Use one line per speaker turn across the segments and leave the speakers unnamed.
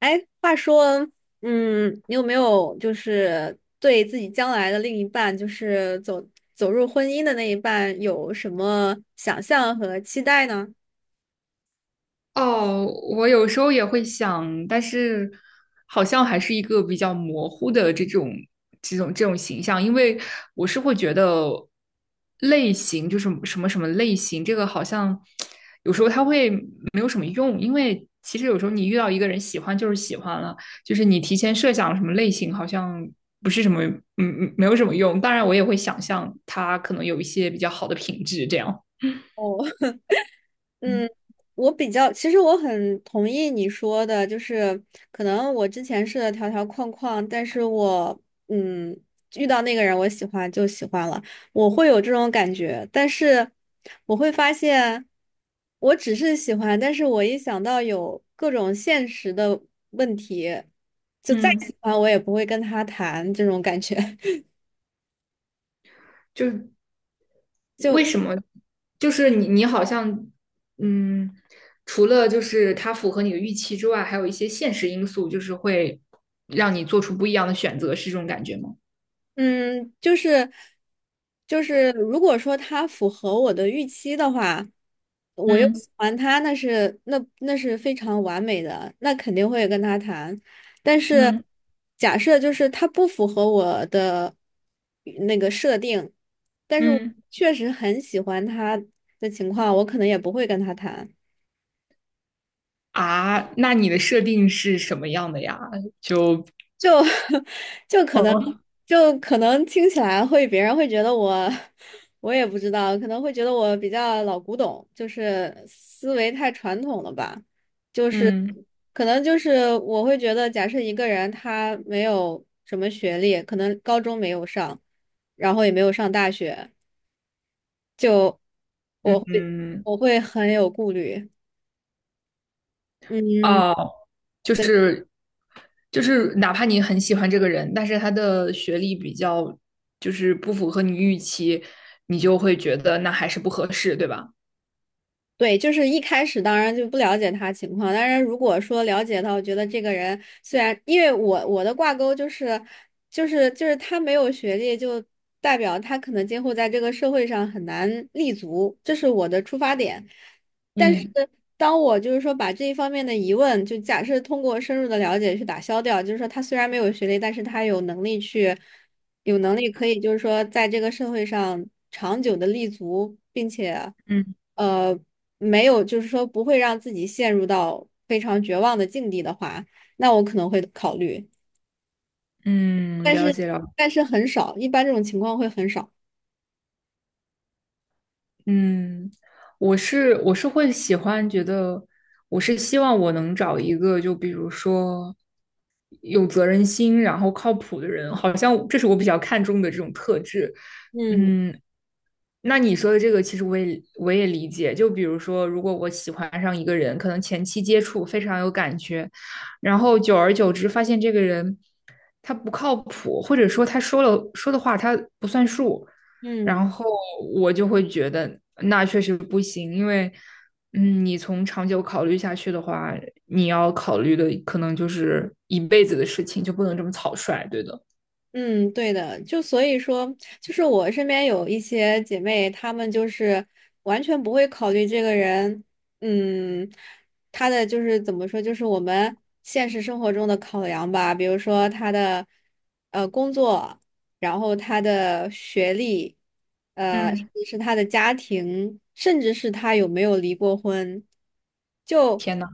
哎，话说，你有没有就是对自己将来的另一半，就是走入婚姻的那一半，有什么想象和期待呢？
哦，我有时候也会想，但是好像还是一个比较模糊的这种形象，因为我是会觉得类型就是什么什么类型，这个好像有时候它会没有什么用，因为其实有时候你遇到一个人喜欢就是喜欢了，就是你提前设想什么类型好像不是什么没有什么用，当然我也会想象他可能有一些比较好的品质这样。
哦。嗯，我比较，其实我很同意你说的，就是可能我之前是的条条框框，但是我嗯遇到那个人我喜欢就喜欢了，我会有这种感觉，但是我会发现我只是喜欢，但是我一想到有各种现实的问题，就再
嗯。
喜欢我也不会跟他谈这种感觉。
就是为
就。
什么？就是你好像嗯，除了就是它符合你的预期之外，还有一些现实因素，就是会让你做出不一样的选择，是这种感觉吗？
嗯，就是，如果说他符合我的预期的话，我又
嗯。
喜欢他，那是非常完美的，那肯定会跟他谈。但是
嗯。
假设就是他不符合我的那个设定，但是我
嗯。
确实很喜欢他的情况，我可能也不会跟他谈。
啊，那你的设定是什么样的呀？就。
就 就可能就可能听起来会别人会觉得我我也不知道，可能会觉得我比较老古董，就是思维太传统了吧，就是
嗯。
可能就是我会觉得，假设一个人他没有什么学历，可能高中没有上，然后也没有上大学，就
嗯。
我会
嗯。
我会很有顾虑，嗯。
哦，就是就是哪怕你很喜欢这个人，但是他的学历比较就是不符合你预期，你就会觉得那还是不合适，对吧？
对，就是一开始当然就不了解他情况，当然如果说了解到，我觉得这个人虽然因为我的挂钩就是，就是他没有学历，就代表他可能今后在这个社会上很难立足，这是我的出发点。但是
嗯。
当我就是说把这一方面的疑问，就假设通过深入的了解去打消掉，就是说他虽然没有学历，但是他有能力去。有能力可以就是说在这个社会上长久的立足，并且
嗯。
呃没有就是说不会让自己陷入到非常绝望的境地的话，那我可能会考虑，
嗯，了解了。
但是很少，一般这种情况会很少。
嗯，我是会喜欢，觉得我是希望我能找一个，就比如说有责任心，然后靠谱的人，好像这是我比较看重的这种特质。
嗯
嗯，那你说的这个，其实我也理解。就比如说，如果我喜欢上一个人，可能前期接触非常有感觉，然后久而久之发现这个人他不靠谱，或者说他说的话他不算数，
嗯。
然后我就会觉得那确实不行，因为你从长久考虑下去的话，你要考虑的可能就是一辈子的事情，就不能这么草率，对的。
嗯，对的，就所以说，就是我身边有一些姐妹，她们就是完全不会考虑这个人，嗯，她的就是怎么说，就是我们现实生活中的考量吧，比如说她的工作，然后他的学历，呃，甚
嗯，
至是他的家庭，甚至是他有没有离过婚，就
天呐。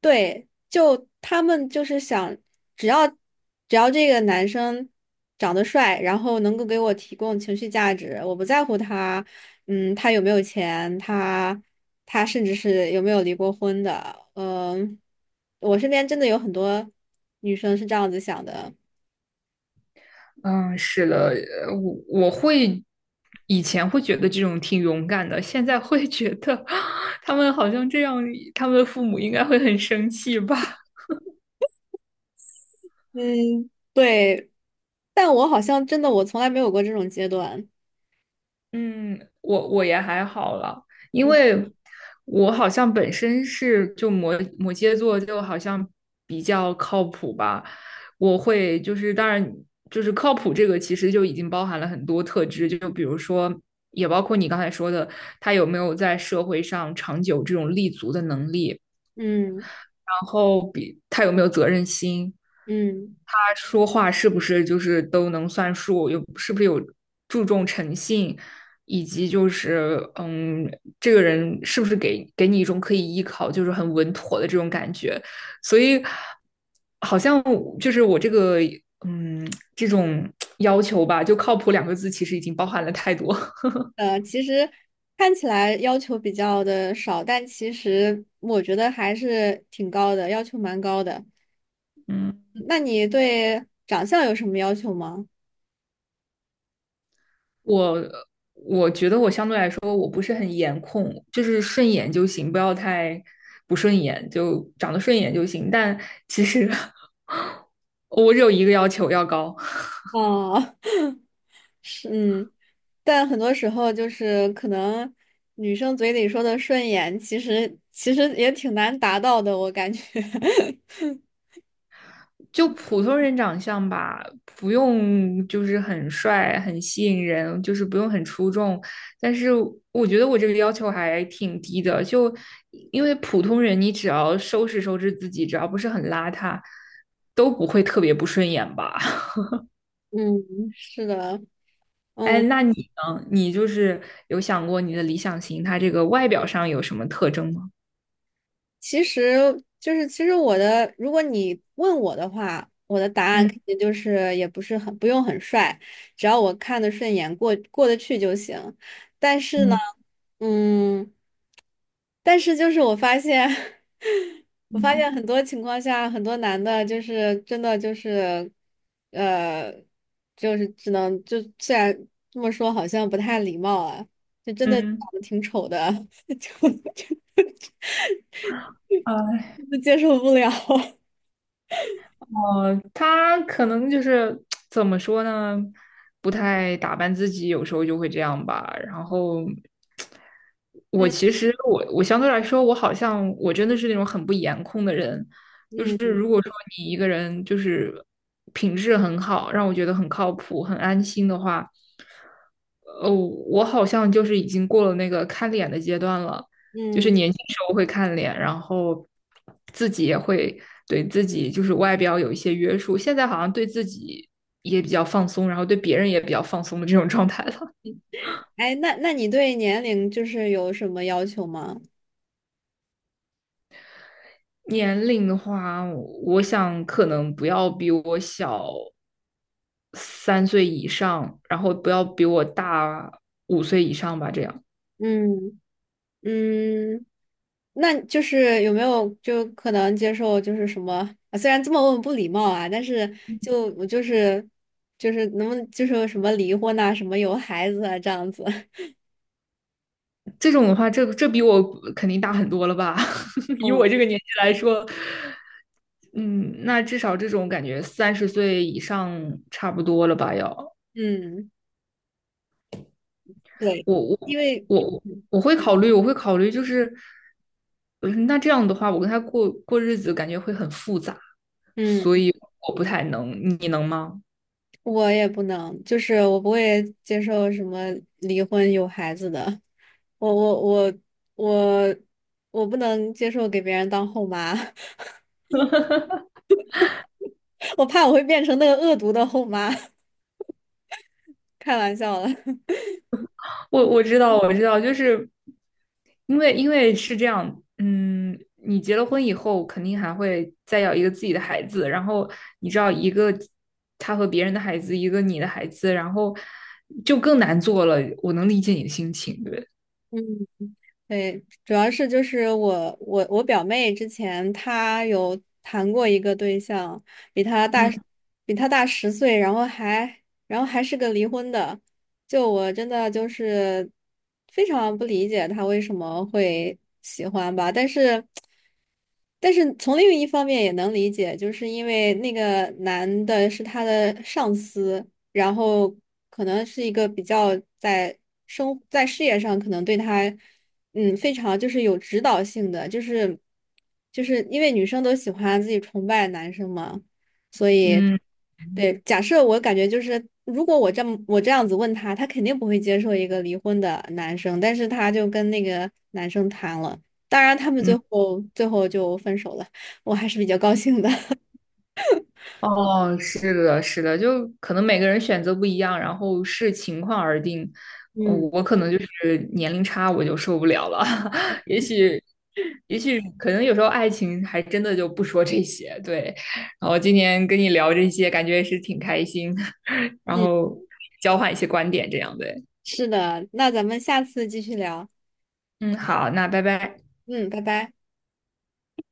对，就他们就是想，只要只要这个男生长得帅，然后能够给我提供情绪价值，我不在乎他，嗯，他有没有钱，他他甚至是有没有离过婚的，嗯、我身边真的有很多女生是这样子想的，
嗯，是的，我我会以前会觉得这种挺勇敢的，现在会觉得 他们好像这样，他们的父母应该会很生气吧。
嗯，对。但我好像真的我从来没有过这种阶段。
嗯，我我也还好了，因为我好像本身是就摩羯座，就好像比较靠谱吧。我会就是当然就是靠谱这个，其实就已经包含了很多特质，就比如说也包括你刚才说的，他有没有在社会上长久这种立足的能力。
嗯
然后比他有没有责任心，
嗯，
他说话是不是就是都能算数，有是不是有注重诚信，以及就是,这个人是不是给你一种可以依靠，就是很稳妥的这种感觉，所以好像就是我这个嗯这种 要求吧，就靠谱2个字其实已经包含了太多，
呃，其实看起来要求比较的少，但其实我觉得还是挺高的，要求蛮高的。
嗯。
那你对长相有什么要求吗？
我我觉得我相对来说我不是很颜控，就是顺眼就行，不要太不顺眼，就长得顺眼就行。但其实我只有一个要求，要高，
哦，是，嗯，但很多时候就是可能女生嘴里说的顺眼，其实也挺难达到的，我感觉。
就普通人长相吧，不用就是很帅、很吸引人，就是不用很出众。但是我觉得我这个要求还挺低的，就因为普通人，你只要收拾收拾自己，只要不是很邋遢，都不会特别不顺眼吧。
嗯，是的。
哎，
嗯。
那你呢？你就是有想过你的理想型，他这个外表上有什么特征吗？
其实就是，其实我的，如果你问我的话，我的答案
嗯。
肯定就是也不是很不用很帅，只要我看得顺眼，过过得去就行。但是呢，
嗯。
嗯，但是就是我发现，我发
嗯。
现很多情况下，很多男的就是真的就是，呃，就是只能就虽然这么说好像不太礼貌啊，就真的长
嗯，
得挺丑的，就就 接受不了。
他可能就是怎么说呢，不太打扮自己，有时候就会这样吧。然后 我
嗯。
其实我我相对来说，我好像我真的是那种很不颜控的人，就是
嗯
如果说你一个人就是品质很好，让我觉得很靠谱、很安心的话，我好像就是已经过了那个看脸的阶段了。就是
嗯，
年轻时候会看脸，然后自己也会对自己就是外表有一些约束，现在好像对自己也比较放松，然后对别人也比较放松的这种状态了。
哎，那你对年龄就是有什么要求吗？
年龄的话，我想可能不要比我小3岁以上，然后不要比我大5岁以上吧，这样。
嗯嗯，那就是有没有就可能接受就是什么啊虽然这么问不礼貌啊，但是就我就是就是能不能就是什么离婚呐、什么有孩子啊这样子。
这种的话，这比我肯定大很多了吧？以我
嗯
这个年纪来说，嗯，那至少这种感觉30岁以上差不多了吧？要
嗯，对，
我
因
我
为
我
嗯。
我会考虑，我会考虑，就是，嗯那这样的话，我跟他过日子，感觉会很复杂，所
嗯
以我不太能。你能吗？
我也不能，就是我不会接受什么离婚有孩子的，我我我我我不能接受给别人当后妈，我怕我会变成那个恶毒的后妈，开玩笑了。
我我知道，我知道，就是因为是这样，嗯，你结了婚以后，肯定还会再要一个自己的孩子，然后你知道一个他和别人的孩子，一个你的孩子，然后就更难做了。我能理解你的心情，对不对，
对，主要是就是我表妹之前她有谈过一个对象，比她大
嗯。
比她大10岁，然后还然后还是个离婚的，就我真的就是非常不理解她为什么会喜欢吧，但是。但是从另一方面也能理解，就是因为那个男的是他的上司，然后可能是一个比较在生在事业上可能对他，嗯，非常就是有指导性的，就是因为女生都喜欢自己崇拜男生嘛，所以
嗯。
对，假设我感觉就是。如果我这么我这样子问他，他肯定不会接受一个离婚的男生，但是他就跟那个男生谈了。当然，他们最
嗯。
后最后就分手了，我还是比较高兴的。
哦，是的，是的，就可能每个人选择不一样，然后视情况而定。
嗯。
我可能就是年龄差，我就受不了了。也许，也许可能有时候爱情还真的就不说这些。对，然后今天跟你聊这些，感觉也是挺开心，然
嗯，
后交换一些观点这样对。
是的，那咱们下次继续聊。
嗯，好，那拜拜。
嗯，拜拜。